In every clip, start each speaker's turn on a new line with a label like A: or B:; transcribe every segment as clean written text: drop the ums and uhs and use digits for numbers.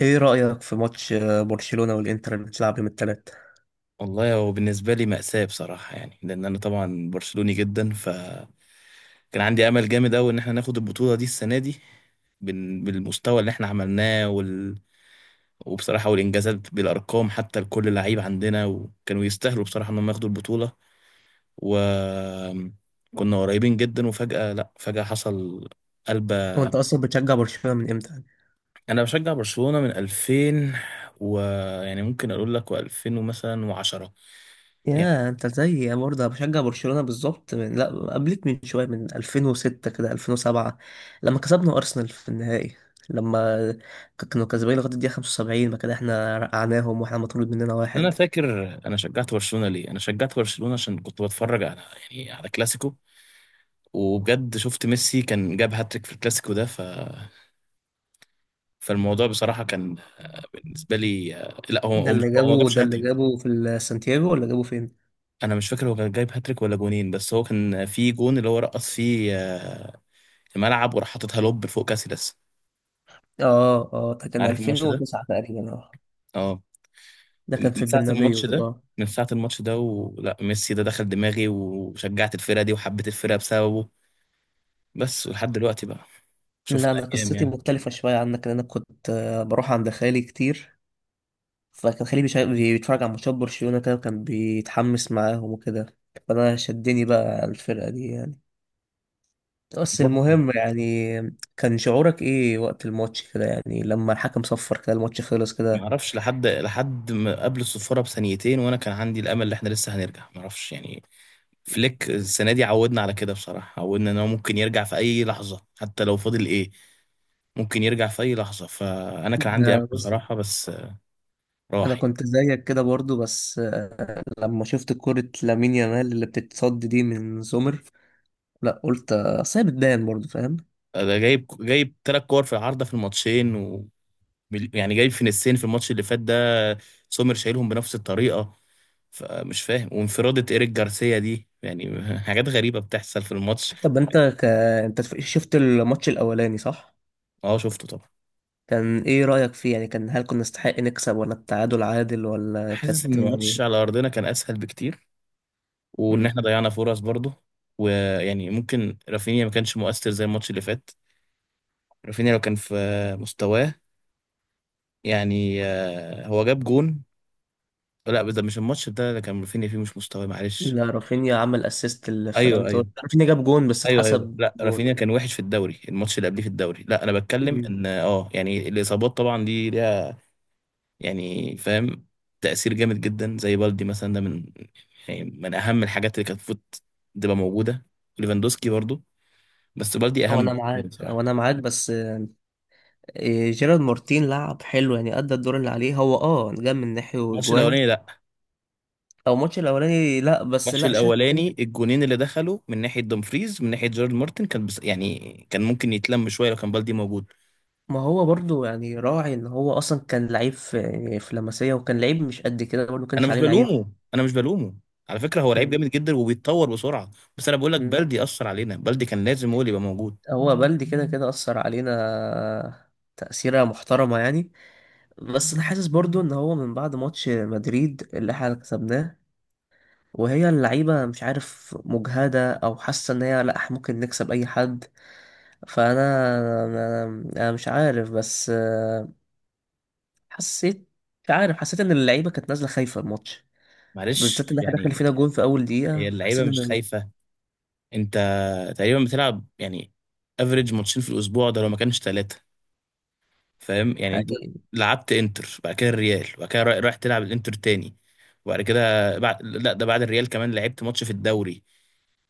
A: ايه رأيك في ماتش برشلونة والانتر اللي بتلعب يوم الثلاث.
B: والله هو بالنسبة لي مأساة بصراحة يعني، لأن أنا طبعا برشلوني جدا. فكان عندي أمل جامد أوي إن إحنا ناخد البطولة دي السنة دي بالمستوى اللي إحنا عملناه وبصراحة، والإنجازات بالأرقام حتى لكل لعيب عندنا، وكانوا يستاهلوا بصراحة إنهم ياخدوا البطولة. وكنا قريبين جدا، وفجأة لأ، فجأة حصل قلبة.
A: وانت اصلا بتشجع برشلونة من امتى؟
B: أنا بشجع برشلونة من 2000 و، يعني ممكن أقول لك و2000 ومثلا و10.
A: يا انت زي برضه بشجع برشلونة بالظبط من لا، قبلك من شوية، من 2006 كده، 2007 لما كسبنا أرسنال في النهائي. لما كانوا كسبانين لغاية الدقيقة 75، ما كده احنا رقعناهم واحنا مطرود مننا
B: انا
A: واحد.
B: فاكر، انا شجعت برشلونه ليه؟ انا شجعت برشلونه عشان كنت بتفرج على يعني على كلاسيكو، وبجد شفت ميسي كان جاب هاتريك في الكلاسيكو ده. فالموضوع بصراحه كان بالنسبه لي، لا هو
A: ده
B: هو مش
A: اللي
B: هو، ما
A: جابه،
B: جابش
A: ده اللي
B: هاتريك.
A: جابه سانتياغو ولا جابه فين؟
B: انا مش فاكر هو كان جايب هاتريك ولا جونين، بس هو كان في جون اللي هو رقص فيه الملعب، وراح حاططها لوب فوق كاسيلاس.
A: اه اه، ده كان
B: عارف الماتش ده؟
A: 2009 تقريبا، اه
B: اه.
A: ده كان في
B: من ساعه
A: البرنابيو
B: الماتش ده،
A: اه.
B: من ساعه الماتش ده ولا ميسي ده دخل دماغي وشجعت الفرقه دي، وحبيت الفرقه بسببه. بس ولحد دلوقتي بقى،
A: لا
B: شفنا
A: انا
B: ايام
A: قصتي
B: يعني.
A: مختلفة شوية عنك، لأن انا كنت بروح عند خالي كتير. فكان خليه بيتفرج على ماتشات برشلونة كده، وكان بيتحمس معاهم وكده. فأنا شدني بقى الفرقة دي يعني. بس
B: بالظبط.
A: المهم يعني، كان شعورك إيه وقت الماتش كده، يعني لما الحكم صفر كده الماتش خلص
B: ما
A: كده؟
B: اعرفش لحد، لحد ما قبل الصفاره بثانيتين وانا كان عندي الامل ان احنا لسه هنرجع، ما اعرفش يعني. فليك السنه دي عودنا على كده بصراحه، عودنا ان هو ممكن يرجع في اي لحظه حتى لو فاضل ايه، ممكن يرجع في اي لحظه. فانا كان عندي امل
A: ده بص،
B: بصراحه، بس
A: أنا
B: راح يعني.
A: كنت زيك كده برضو، بس لما شفت كرة لامين يامال اللي بتتصد دي من سومر، لا قلت أصل هي بتبان برضو، فاهم.
B: ده جايب ثلاث كور في العارضه في الماتشين، و يعني جايب في نسين في الماتش اللي فات ده. سومر شايلهم بنفس الطريقه، فمش فاهم. وانفرادة ايريك جارسيا دي يعني حاجات غريبه بتحصل في الماتش.
A: طب أنت أنت شفت الماتش الأولاني صح؟
B: اه شفته طبعا.
A: كان ايه رأيك فيه، يعني كان، هل كنا نستحق نكسب ولا التعادل عادل ولا
B: حاسس
A: كانت،
B: ان الماتش
A: يعني.
B: على ارضنا كان اسهل بكتير، وان
A: مم.
B: احنا ضيعنا فرص برضه. ويعني ممكن رافينيا ما كانش مؤثر زي الماتش اللي فات. رافينيا لو كان في مستواه، يعني هو جاب جون. لا ده مش الماتش ده اللي كان رافينيا فيه مش مستواه، معلش.
A: لا، رافينيا عمل اسيست
B: ايوه
A: لفيران
B: ايوه
A: توريس. رافينيا جاب جون بس
B: ايوه.
A: اتحسب
B: لا
A: جون.
B: رافينيا كان وحش في الدوري، الماتش اللي قبليه في الدوري. لا انا بتكلم
A: مم.
B: ان اه يعني الاصابات طبعا دي ليها، يعني فاهم، تأثير جامد جدا. زي بالدي مثلا، ده من يعني من أهم الحاجات اللي كانت المفروض تبقى موجودة. ليفاندوسكي برضو، بس بالدي أهم
A: او انا
B: بالنسبة
A: معاك
B: لي
A: او
B: بصراحة.
A: انا معاك بس إيه، جيرارد مارتين لعب حلو، يعني ادى الدور اللي عليه. هو اه جاب من ناحية
B: الماتش
A: وجوان.
B: الأولاني لأ.
A: او الماتش الاولاني لا، بس
B: الماتش
A: لا الشوط التاني.
B: الأولاني الجونين اللي دخلوا من ناحية دومفريز، من ناحية جيرارد مارتن كان بس يعني كان ممكن يتلم شوية لو كان بالدي موجود.
A: ما هو برضو يعني، راعي ان هو اصلا كان لعيب في لاماسيا، وكان لعيب مش قد كده برضو، ما
B: أنا
A: كانش
B: مش
A: عليه العين.
B: بلومه، أنا مش بلومه. على فكرة هو لعيب
A: مم.
B: جامد جدا وبيتطور بسرعة. بس أنا بقول لك
A: مم.
B: بالدي أثر علينا، بالدي كان لازم هو اللي يبقى موجود.
A: هو بلدي كده كده أثر علينا، تأثيرة محترمة يعني. بس أنا حاسس برضو إن هو من بعد ماتش مدريد اللي احنا كسبناه، وهي اللعيبة مش عارف، مجهدة أو حاسة إن هي لأ، إحنا ممكن نكسب أي حد. فأنا أنا أنا مش عارف، بس حسيت، مش عارف، حسيت إن اللعيبة كانت نازلة خايفة الماتش، بالذات
B: معلش
A: إن احنا داخل
B: يعني.
A: فينا جون في أول دقيقة،
B: هي اللعيبة
A: فحسيت
B: مش
A: إن،
B: خايفة. انت تقريبا بتلعب يعني افريج ماتشين في الاسبوع ده لو ما كانش ثلاثه. فاهم يعني. انت
A: حقيقي.
B: لعبت انتر، بعد كده الريال، وبعد كده رايح تلعب الانتر تاني. وبعد كده بعد، لا ده بعد الريال كمان لعبت ماتش في الدوري.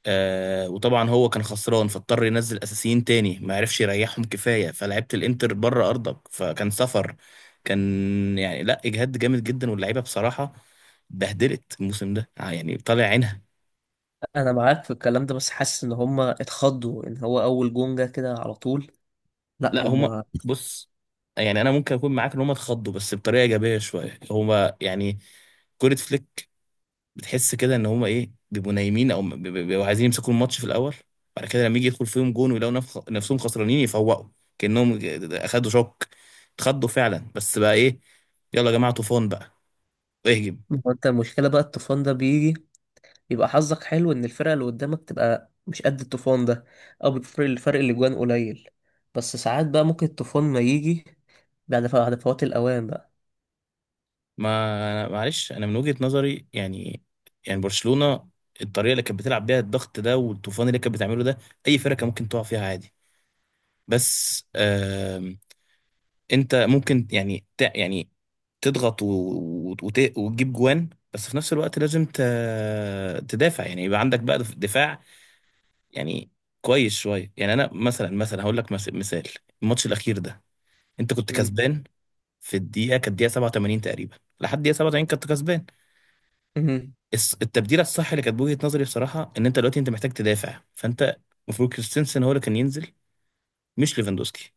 B: آه، وطبعا هو كان خسران، فاضطر ينزل اساسيين تاني، ما عرفش يريحهم كفايه. فلعبت الانتر بره ارضك فكان سفر، كان يعني لا اجهاد جامد جدا. واللعيبه بصراحه بهدلت الموسم ده يعني، طالع عينها.
A: أنا معاك في الكلام ده، بس حاسس إن هما اتخضوا إن هو أول جون جه كده على طول. لا
B: لا هما
A: هم.
B: بص، يعني انا ممكن اكون معاك ان هما اتخضوا، بس بطريقه ايجابيه شويه. هما يعني كوره فليك، بتحس كده ان هما ايه، بيبقوا نايمين او بيبقوا عايزين يمسكوا الماتش في الاول. بعد كده لما يجي يدخل فيهم جون ويلاقوا نفسهم خسرانين، يفوقوا كانهم اخدوا شوك، اتخضوا فعلا. بس بقى ايه، يلا يا جماعه طوفان بقى، اهجم.
A: ما هو انت، المشكلة بقى الطوفان ده بيجي، يبقى حظك حلو ان الفرقة اللي قدامك تبقى مش قد الطوفان ده، او بتفرق الفرق اللي جوان قليل. بس ساعات بقى ممكن الطوفان ما يجي بعد بعد فوات الاوان بقى.
B: ما معلش، انا من وجهه نظري يعني، يعني برشلونه الطريقه اللي كانت بتلعب بيها، الضغط ده والطوفان اللي كانت بتعمله ده، اي فرقه ممكن تقع فيها عادي. بس انت ممكن يعني يعني تضغط وتجيب جوان، بس في نفس الوقت لازم تدافع، يعني يبقى عندك بقى دفاع يعني كويس شويه يعني. انا مثلا، مثلا هقول لك مثال. الماتش الاخير ده، انت كنت
A: مم.
B: كسبان في الدقيقه، كانت الدقيقه 87 تقريبا. لحد الدقيقه 87 كنت كسبان.
A: مم.
B: التبديله الصح اللي كانت بوجهه نظري بصراحه ان انت دلوقتي انت محتاج تدافع، فانت المفروض كريستنسن هو اللي كان ينزل، مش ليفاندوسكي.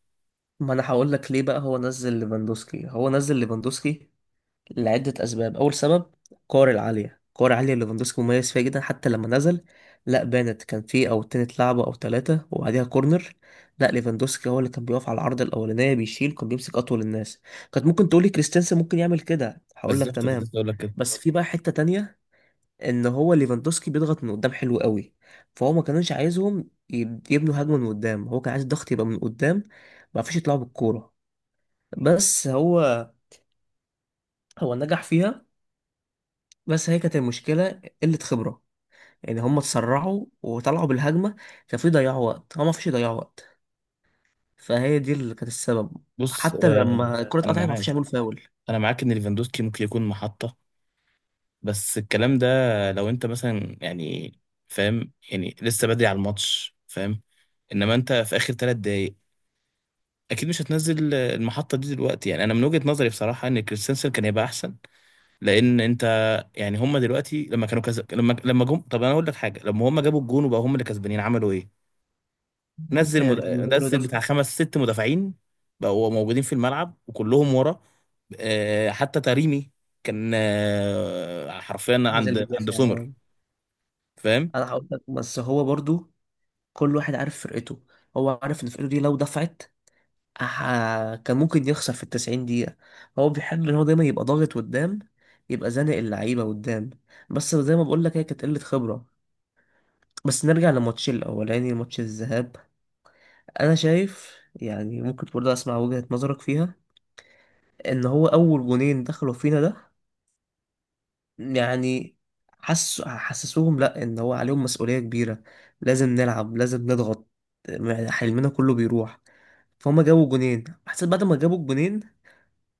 A: ما انا هقول لك ليه بقى. هو نزل ليفاندوسكي، هو نزل ليفاندوسكي لعدة أسباب. أول سبب، الكور العالية، الكور العالية اللي ليفاندوسكي مميز فيها جدا. حتى لما نزل، لا بانت كان في أو اتنين لعبة أو تلاتة وبعديها كورنر. لا، ليفاندوسكي هو اللي كان بيقف على العرض الأولانية بيشيل، كان بيمسك أطول الناس. كانت ممكن تقولي كريستنسن ممكن يعمل كده، هقول لك
B: بالظبط كنت
A: تمام.
B: لسه اقول لك.
A: بس في بقى حتة تانية، إن هو ليفاندوسكي بيضغط من قدام حلو قوي. فهو ما كانوش عايزهم يبنوا هجمة من قدام، هو كان عايز الضغط يبقى من قدام، ما فيش يطلعوا بالكورة. بس هو نجح فيها. بس هي كانت المشكلة قلة خبرة، يعني هم اتسرعوا وطلعوا بالهجمة، ففي ضياع وقت، هو ما فيش يضيعوا وقت. فهي دي اللي كانت السبب.
B: بص
A: حتى لما الكرة
B: انا
A: اتقطعت ما فيش
B: معاك،
A: يعملوا فاول.
B: انا معاك ان ليفاندوسكي ممكن يكون محطة. بس الكلام ده لو انت مثلا يعني، فاهم يعني، لسه بدري على الماتش، فاهم. انما انت في اخر ثلاث دقايق، اكيد مش هتنزل المحطة دي دلوقتي. يعني انا من وجهة نظري بصراحة ان كريستنسن كان يبقى احسن. لان انت يعني هم دلوقتي لما كانوا كذا، لما جم، طب انا اقول لك حاجة، لما هم جابوا الجون وبقوا هم اللي كسبانين عملوا ايه؟ نزل مد...
A: ده المهاجم
B: نزل
A: بيدافع،
B: بتاع خمس ست مدافعين، بقوا موجودين في الملعب وكلهم ورا. آه حتى تريمي كان آه حرفيا
A: نزل
B: عند، عند
A: بيدافع آه.
B: سومر. فاهم.
A: انا هقول لك، بس هو برضو كل واحد عارف فرقته. هو عارف ان فرقته دي لو دفعت كان ممكن يخسر في ال90 دقيقة. هو بيحب ان هو دايما يبقى ضاغط قدام، يبقى زانق اللعيبة قدام. بس زي ما بقول لك، هي كانت قلة خبرة. بس نرجع لماتش الأولاني، ماتش الذهاب. انا شايف يعني، ممكن برضه اسمع وجهة نظرك فيها، ان هو اول جونين دخلوا فينا ده، يعني حسسوهم لا ان هو عليهم مسؤولية كبيرة، لازم نلعب، لازم نضغط، يعني حلمنا كله بيروح. فهم جابوا جونين، حسيت بعد ما جابوا الجونين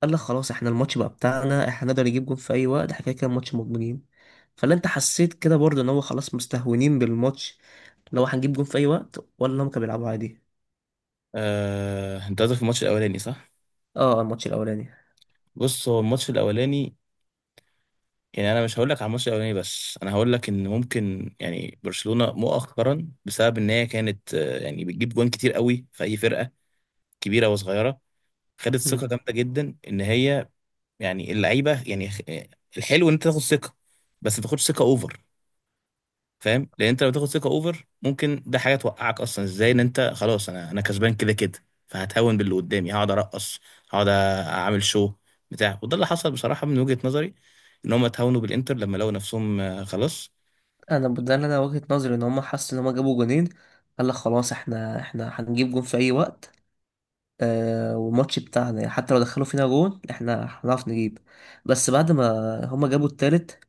A: قال لك خلاص احنا الماتش بقى بتاعنا، احنا نقدر نجيب جون في اي وقت، احنا كده كده ماتش مضمونين. فلا انت حسيت كده برضه ان هو خلاص مستهونين بالماتش، لو هنجيب جون في اي وقت، ولا هم كانوا بيلعبوا عادي؟
B: آه، انت قصدك في الماتش الاولاني صح؟
A: اه الماتش الاولاني.
B: بص هو الماتش الاولاني، يعني انا مش هقول لك على الماتش الاولاني، بس انا هقول لك ان ممكن يعني برشلونة مؤخرا بسبب ان هي كانت آه يعني بتجيب جوان كتير قوي في اي فرقة كبيرة وصغيرة، خدت ثقة جامدة جدا ان هي يعني اللعيبه يعني الحلو ان انت تاخد ثقه، بس ما تاخدش ثقه اوفر. فاهم، لان انت لو تاخد ثقه اوفر ممكن ده حاجه توقعك اصلا. ازاي؟ ان انت خلاص، انا كسبان كده كده، فهتهون باللي قدامي، هقعد ارقص، هقعد اعمل شو بتاع. وده اللي حصل بصراحه من وجهه نظري، ان هم اتهونوا بالانتر لما لقوا نفسهم خلاص.
A: انا ده اللي انا وجهة نظري ان هم حسوا ان هم جابوا جونين قال لك خلاص احنا هنجيب جون في اي وقت، والماتش بتاعنا، يعني حتى لو دخلوا فينا جون احنا هنعرف نجيب. بس بعد ما هم جابوا التالت،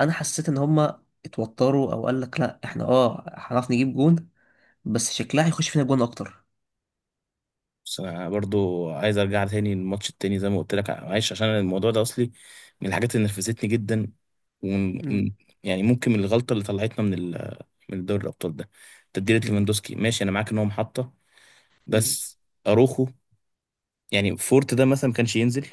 A: انا حسيت ان هم اتوتروا، او قال لك لا احنا اه هنعرف نجيب جون، بس شكلها هيخش فينا جون اكتر.
B: بس انا برضو عايز ارجع تاني للماتش التاني زي ما قلت لك، معلش عشان الموضوع ده اصلي من الحاجات اللي نرفزتني جدا،
A: مم.
B: ومن- يعني ممكن من الغلطه اللي طلعتنا من ال، من دوري الابطال ده، تبديلة
A: مم.
B: ليفاندوسكي. ماشي انا معاك ان هو محطة،
A: مم.
B: بس اروخو يعني فورت ده مثلا ما كانش ينزل،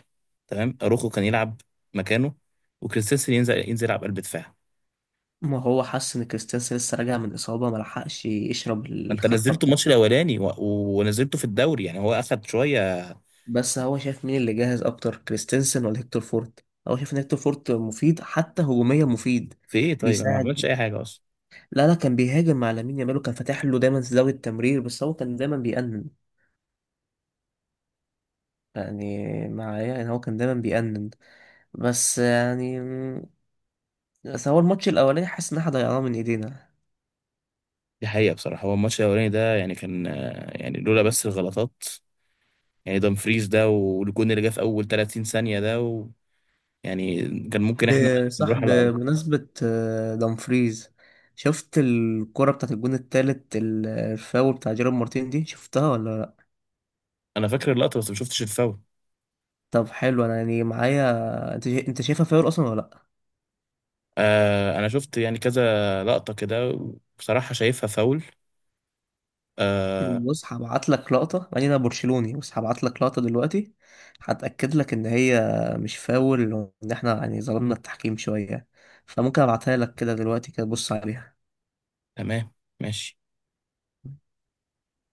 B: تمام. اروخو كان يلعب مكانه، وكريستنسن ينزل يلعب قلب دفاع.
A: ما هو حس ان كريستيانسي لسه راجع من اصابة، ما لحقش يشرب
B: ما انت
A: الخطة
B: نزلته الماتش
A: بتاعته.
B: الاولاني ونزلته في الدوري، يعني هو اخد شوية.
A: بس هو شايف مين اللي جاهز اكتر، كريستنسن ولا هيكتور فورت؟ هو شايف ان هيكتور فورت مفيد، حتى هجوميا مفيد،
B: في ايه؟ طيب انا ما عملتش
A: بيساعد.
B: اي حاجة اصلا.
A: لا لا، كان بيهاجم مع لامين يامال وكان فاتح له دايما زاوية التمرير. بس هو كان دايما بيأنن يعني معايا، يعني هو كان دايما بيأنن. بس يعني، بس هو الماتش الأولاني حاسس إن احنا ضيعناه من إيدينا.
B: دي حقيقة بصراحة. هو الماتش الاولاني ده يعني كان يعني لولا بس الغلطات، يعني دامفريز ده والجون اللي جه في اول 30 ثانية ده و... يعني كان ممكن احنا نروح
A: بصح،
B: على الارض.
A: بمناسبة دمفريز، شفت الكرة بتاعت الجون التالت، الفاول بتاع جيرار مارتين دي، شفتها ولا؟
B: انا فاكر اللقطة بس ما شفتش الفاول.
A: طب حلو، انا يعني معايا انت انت شايفها فاول اصلا ولا لا؟
B: آه انا شفت يعني كذا لقطة كده، بصراحة شايفها فاول. آه.
A: بص هبعت لك لقطه، يعني انا برشلوني بس هبعت لك لقطه دلوقتي، هتاكد لك ان هي مش فاول، وان احنا يعني ظلمنا التحكيم شويه. فممكن ابعتها لك كده دلوقتي، كده بص عليها.
B: تمام، ماشي.